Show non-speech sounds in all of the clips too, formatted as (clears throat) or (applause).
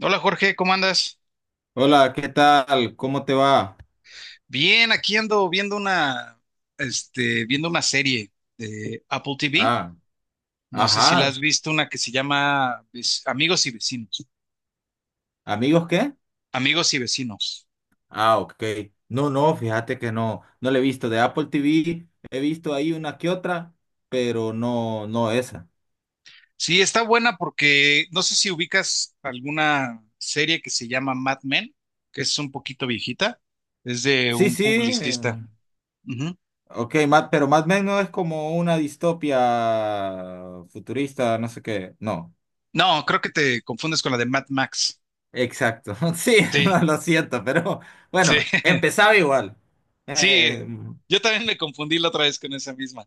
Hola Jorge, ¿cómo andas? Hola, ¿qué tal? ¿Cómo te va? Bien, aquí ando viendo viendo una serie de Apple TV. Ah, No sé si la ajá. has visto, una que se llama Amigos y Vecinos. ¿Amigos qué? Amigos y Vecinos. Ah, ok. No, no, fíjate que no, no le he visto de Apple TV, he visto ahí una que otra, pero no, no esa. Sí, está buena porque no sé si ubicas alguna serie que se llama Mad Men, que es un poquito viejita. Es de Sí, un sí, publicista. eh, Ujú. ok, pero más o menos es como una distopia futurista, no sé qué. No, No, creo que te confundes con la de Mad Max. exacto. (laughs) Sí, Sí, (laughs) lo siento, pero sí, bueno, (laughs) empezaba igual. Eh, sí. Yo también me confundí la otra vez con esa misma.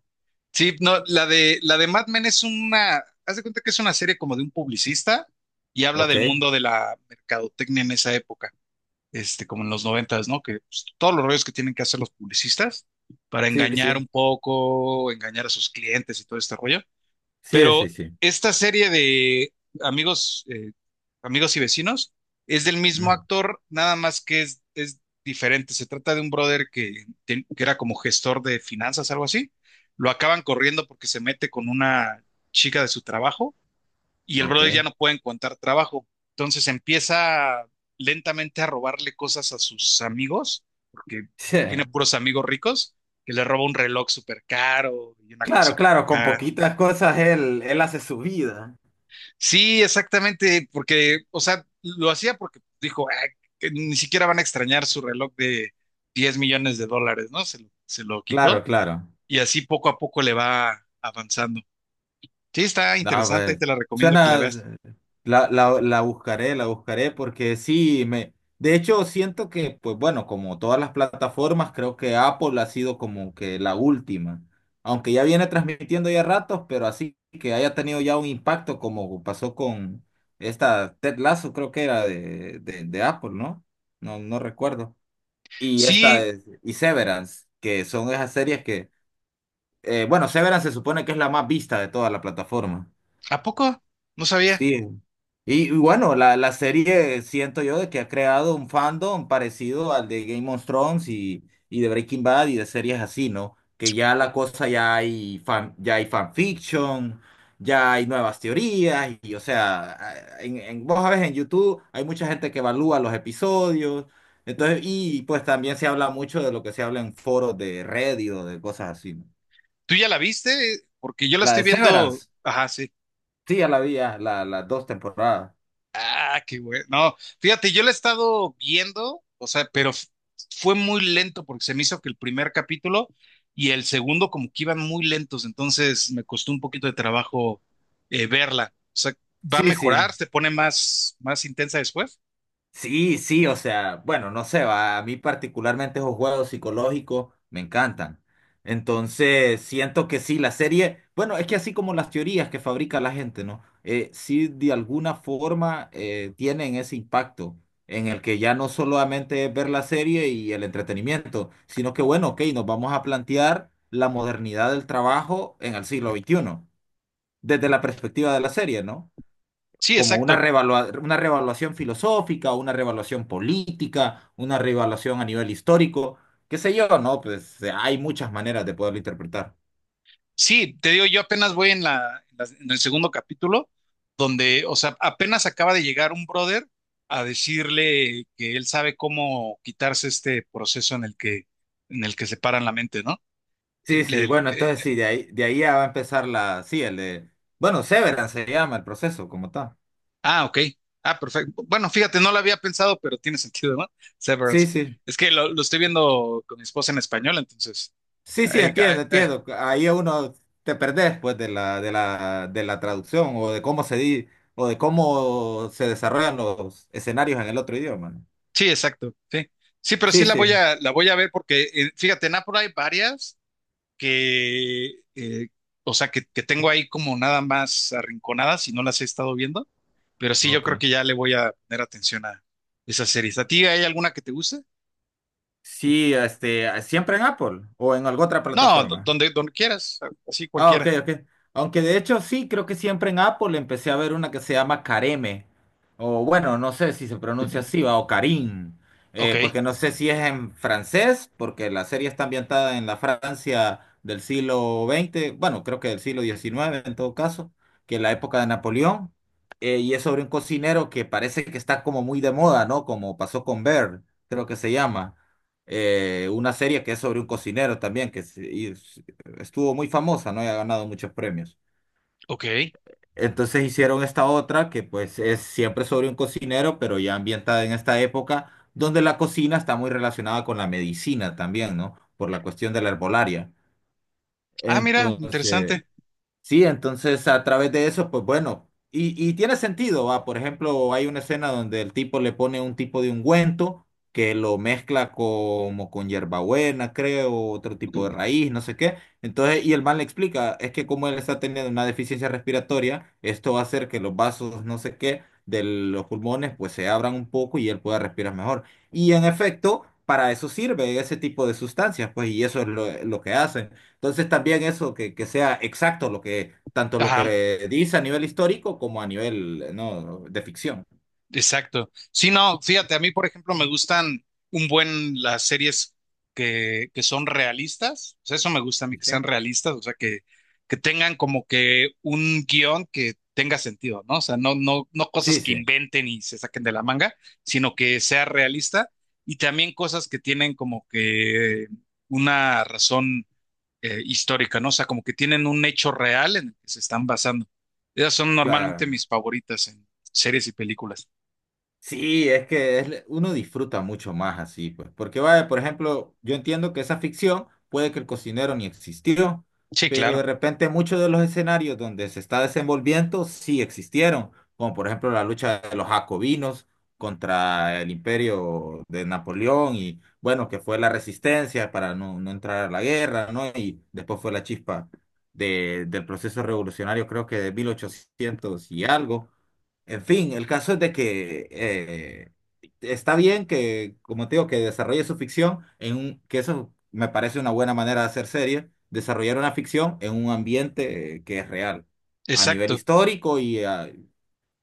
Sí, no, la de Mad Men es una, haz de cuenta que es una serie como de un publicista y habla ok, del mundo de la mercadotecnia en esa época, este, como en los noventas, ¿no? Que pues, todos los rollos que tienen que hacer los publicistas para sí, engañar sí, un poco, engañar a sus clientes y todo este rollo. sí, Pero sí, sí. Sí. esta serie de amigos, amigos y vecinos es del mismo Mm. actor, nada más que es diferente. Se trata de un brother que era como gestor de finanzas, algo así. Lo acaban corriendo porque se mete con una chica de su trabajo y el brother ya Ok. no puede encontrar trabajo. Entonces empieza lentamente a robarle cosas a sus amigos, porque Sí, tiene puros amigos ricos, que le roba un reloj súper caro y una cosa claro, por claro, con acá. poquitas cosas él hace su vida. Sí, exactamente, porque, o sea, lo hacía porque dijo, "Ah, que ni siquiera van a extrañar su reloj de 10 millones de dólares, ¿no? Se lo Claro, quitó claro. y así poco a poco le va avanzando. Sí, está Ah, interesante y pues, te la recomiendo que la suena, veas. La, la, la buscaré porque sí, me, de hecho siento que, pues bueno, como todas las plataformas, creo que Apple ha sido como que la última, aunque ya viene transmitiendo ya ratos, pero así que haya tenido ya un impacto como pasó con esta Ted Lasso, creo que era de Apple, ¿no? No, no recuerdo. Y esta Sí, es, y Severance, que son esas series que, bueno, Severance se supone que es la más vista de toda la plataforma. ¿a poco? No sabía. Sí. Y bueno, la serie siento yo de que ha creado un fandom parecido al de Game of Thrones y de Breaking Bad y de series así, ¿no? Que ya la cosa ya hay fan, ya hay fanfiction, ya hay nuevas teorías, y, o sea, en, vos sabes en YouTube hay mucha gente que evalúa los episodios, entonces, y pues también se habla mucho de lo que se habla en foros de Reddit o de cosas así, ¿no? ¿Tú ya la viste? Porque yo la La estoy de viendo, Severance, ajá, sí. sí, ya la vi, ya, la, las dos temporadas. Ah, qué bueno. No, fíjate, yo la he estado viendo, o sea, fue muy lento porque se me hizo que el primer capítulo y el segundo como que iban muy lentos, entonces me costó un poquito de trabajo verla. O sea, ¿va a Sí, sí. mejorar? ¿Se pone más, más intensa después? Sí, sí, o sea, bueno, no sé, va, a mí particularmente esos juegos psicológicos me encantan. Entonces, siento que sí, la serie, bueno, es que así como las teorías que fabrica la gente, ¿no? Sí, de alguna forma tienen ese impacto en el que ya no solamente es ver la serie y el entretenimiento, sino que, bueno, ok, nos vamos a plantear la modernidad del trabajo en el siglo XXI desde la perspectiva de la serie, ¿no? Sí, Como una exacto. Una revaluación filosófica, una revaluación política, una revaluación a nivel histórico, qué sé yo, ¿no? Pues hay muchas maneras de poderlo interpretar. Sí, te digo, yo apenas voy en la, en las- en el segundo capítulo, donde, o sea, apenas acaba de llegar un brother a decirle que él sabe cómo quitarse este proceso en el que separan la mente, ¿no? Eh, Sí, sí, le- bueno, eh, entonces sí, de ahí ya va a empezar la, sí, el de, bueno, Severance se llama el proceso como tal. ah, ok. Ah, perfecto. Bueno, fíjate, no lo había pensado, pero tiene (laughs) sentido, ¿no? Sí, Severance. sí, Es que lo estoy viendo con mi esposa en español, entonces. sí, sí, eh, eh, entiendo, eh, entiendo. Ahí uno te perdés, pues, de la traducción o de cómo o de cómo se desarrollan los escenarios en el otro idioma, ¿no? sí, exacto. Sí. Sí, pero sí Sí, sí. La voy a ver porque, fíjate, en Apple hay varias. Que, eh, o sea, que tengo ahí como nada más arrinconadas y no las he estado viendo, pero sí, yo creo Ok. que ya le voy a poner atención a esas series. ¿A ti hay alguna que te guste? Sí, este, siempre en Apple o en alguna otra No, plataforma. Donde quieras, así Ah, cualquiera. ok, ok. Aunque de hecho sí, creo que siempre en Apple empecé a ver una que se llama Careme, o bueno, no sé si se pronuncia así, va, o Karim. Ok, Porque no sé si es en francés, porque la serie está ambientada en la Francia del siglo XX, bueno, creo que del siglo XIX en todo caso, que es la época de Napoleón. Y es sobre un cocinero que parece que está como muy de moda, ¿no? Como pasó con Bear, creo que se llama. Una serie que es sobre un cocinero también, y estuvo muy famosa, ¿no? Y ha ganado muchos premios. ok. Entonces hicieron esta otra que pues es siempre sobre un cocinero, pero ya ambientada en esta época, donde la cocina está muy relacionada con la medicina también, ¿no? Por la cuestión de la herbolaria. Ah, mira, Entonces, interesante. sí, entonces a través de eso, pues bueno, y tiene sentido, va, por ejemplo, hay una escena donde el tipo le pone un tipo de ungüento que lo mezcla como con hierbabuena, creo, otro tipo de raíz, no sé qué. Entonces, y el man le explica, es que como él está teniendo una deficiencia respiratoria, esto va a hacer que los vasos, no sé qué, de los pulmones, pues se abran un poco y él pueda respirar mejor. Y en efecto, para eso sirve ese tipo de sustancias, pues, y eso es lo que hacen. Entonces también eso, que sea exacto lo que, tanto lo Ajá. que dice a nivel histórico como a nivel, no, de ficción. Exacto. Sí, no, fíjate, a mí, por ejemplo, me gustan un buen las series que son realistas. O sea, eso me gusta a mí, que sean ¿Viste? realistas, o sea, que tengan como que un guión que tenga sentido, ¿no? O sea, no cosas Sí, que sí, inventen y se saquen de la manga, sino que sea realista y también cosas que tienen como que una razón histórica, ¿no? O sea, como que tienen un hecho real en el que se están basando. Esas son normalmente claro. mis favoritas en series y películas. Sí, uno disfruta mucho más así, pues. Porque, vaya, por ejemplo, yo entiendo que esa ficción puede que el cocinero ni existió, Sí, pero claro, de repente muchos de los escenarios donde se está desenvolviendo sí existieron, como por ejemplo la lucha de los jacobinos contra el imperio de Napoleón y, bueno, que fue la resistencia para no, no entrar a la guerra, ¿no? Y después fue la chispa del proceso revolucionario, creo que de 1800 y algo. En fin, el caso es de que está bien que, como te digo, que desarrolle su ficción en un, que eso me parece una buena manera de hacer serie, desarrollar una ficción en un ambiente que es real, a nivel exacto. histórico y,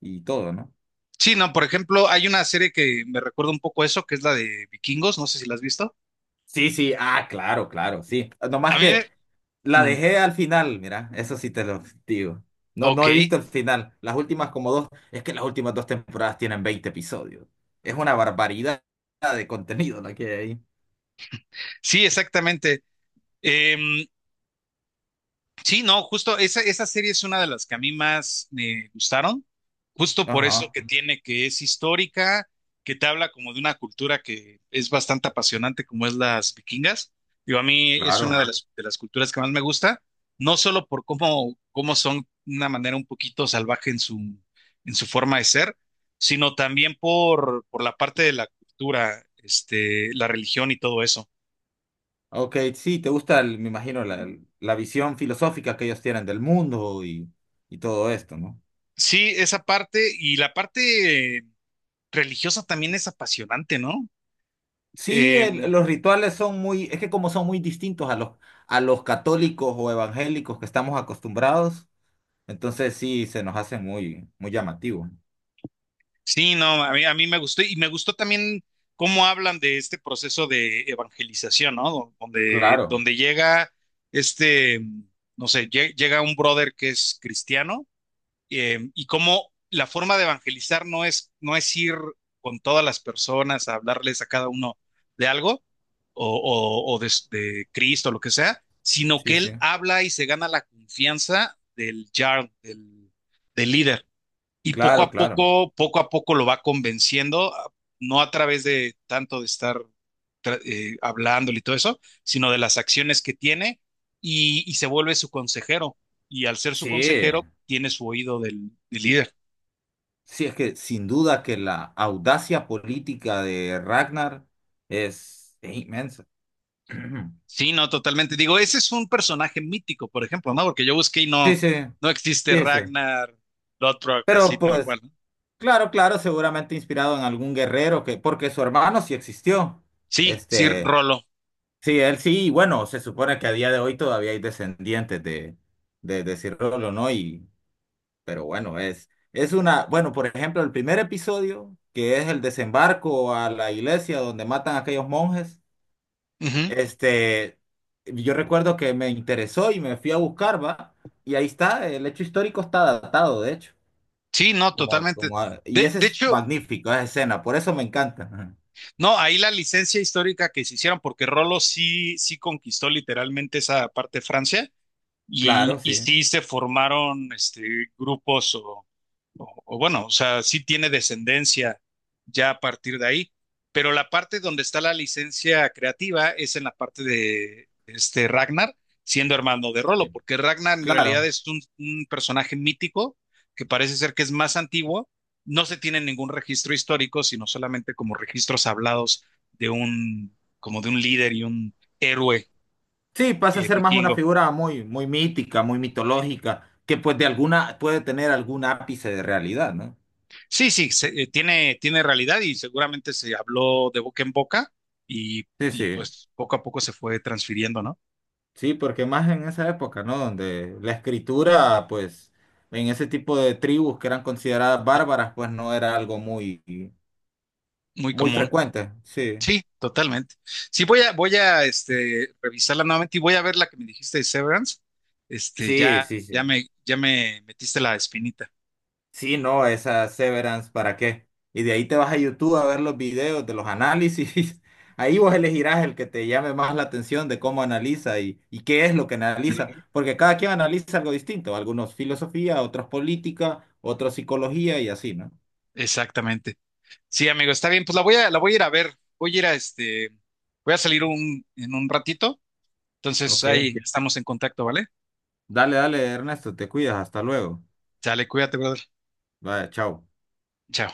y todo, ¿no? Sí, no, por ejemplo, hay una serie que me recuerda un poco eso, que es la de Vikingos, no sé si la has visto. Sí, sí, ah, claro, claro, sí. A Nomás mí, que me- la mm, dejé al final, mira, eso sí te lo digo. No, ok, no he visto el final. Las últimas como dos, es que las últimas dos temporadas tienen 20 episodios. Es una barbaridad de contenido la que hay ahí. sí, exactamente. Em, Sí, no, justo esa serie es una de las que a mí más me gustaron, justo por eso Ajá, que tiene, que es histórica, que te habla como de una cultura que es bastante apasionante, como es las vikingas. Digo, a mí es una claro. De las culturas que más me gusta, no solo por cómo son de una manera un poquito salvaje en su forma de ser, sino también por la parte de la cultura, este, la religión y todo eso. Ok, sí, te gusta, me imagino, la visión filosófica que ellos tienen del mundo y todo esto, ¿no? Sí, esa parte y la parte religiosa también es apasionante, ¿no? Sí, Eh, los rituales son muy, es que como son muy distintos a los católicos o evangélicos que estamos acostumbrados, entonces sí, se nos hace muy, muy llamativo. sí, no, a mí me gustó y me gustó también cómo hablan de este proceso de evangelización, ¿no? Claro, Donde llega este, no sé, llega un brother que es cristiano y cómo la forma de evangelizar no es ir con todas las personas a hablarles a cada uno de algo o, o de Cristo, lo que sea, sino sí, que sí, él habla y se gana la confianza del, del líder y claro, claro. Poco a poco lo va convenciendo, no a través de tanto de estar hablándole y todo eso, sino de las acciones que tiene y se vuelve su consejero. Y al ser su Sí, consejero, tiene su oído del líder. sí, es que sin duda que la audacia política de Ragnar es inmensa. (clears throat) Sí, no, totalmente. Digo, ese es un personaje mítico, por ejemplo, ¿no? Porque yo busqué y Sí, no, sí. no existe Sí, eso. Ragnar Lothbrok así Pero tal pues, cual, ¿no? claro, claro, seguramente inspirado en algún guerrero que, porque su hermano sí existió. Sí, sí, Este, Rolo. sí, él sí, y bueno, se supone que a día de hoy todavía hay descendientes de, de Cirolo, ¿no? Y, pero bueno, es una, bueno, por ejemplo, el primer episodio, que es el desembarco a la iglesia donde matan a aquellos monjes, Ujú. este, yo recuerdo que me interesó y me fui a buscar, ¿va? Y ahí está, el hecho histórico está datado, de hecho. Sí, no, Como, totalmente. como, y ese De es hecho, magnífico, esa escena, por eso me encanta. Ajá. no, ahí la licencia histórica que se hicieron, porque Rolo sí, sí conquistó literalmente esa parte de Francia Claro, y sí, sí se formaron este, grupos o bueno, o sea, sí tiene descendencia ya a partir de ahí, pero la parte donde está la licencia creativa es en la parte de este Ragnar, siendo hermano de sí, Rolo, porque Ragnar en realidad claro. es un personaje mítico que parece ser que es más antiguo, no se tiene ningún registro histórico, sino solamente como registros hablados de un, como de un líder y un héroe Sí, pasa a ser más una vikingo. figura muy, muy mítica, muy mitológica, que pues de alguna, puede tener algún ápice de realidad, ¿no? Sí, sí, tiene, tiene realidad y seguramente se habló de boca en boca Sí, y, sí, pues poco a poco se fue transfiriendo, ¿no? sí, porque más en esa época, ¿no? Donde la escritura, pues, en ese tipo de tribus que eran consideradas bárbaras, pues no era algo muy, Muy muy común. frecuente. Sí, Sí, totalmente. Sí, voy a este, revisarla nuevamente y voy a ver la que me dijiste de Severance. Este, sí, sí, sí. Ya me metiste la espinita. Sí, no, esa Severance, ¿para qué? Y de ahí te vas a YouTube a ver los videos de los análisis. (laughs) Ahí vos elegirás el que te llame más la atención de cómo analiza y qué es lo que analiza, (laughs) porque cada quien analiza algo distinto, algunos filosofía, otros política, otros psicología y así, ¿no? Exactamente. Sí, amigo, está bien. Pues la voy a ir a ver. Voy a ir a este, voy a salir en un ratito. Entonces Ok, ahí estamos en contacto, ¿vale? dale, dale, Ernesto, te cuidas, hasta luego. Sale, cuídate, brother. Vaya, chao. Chao.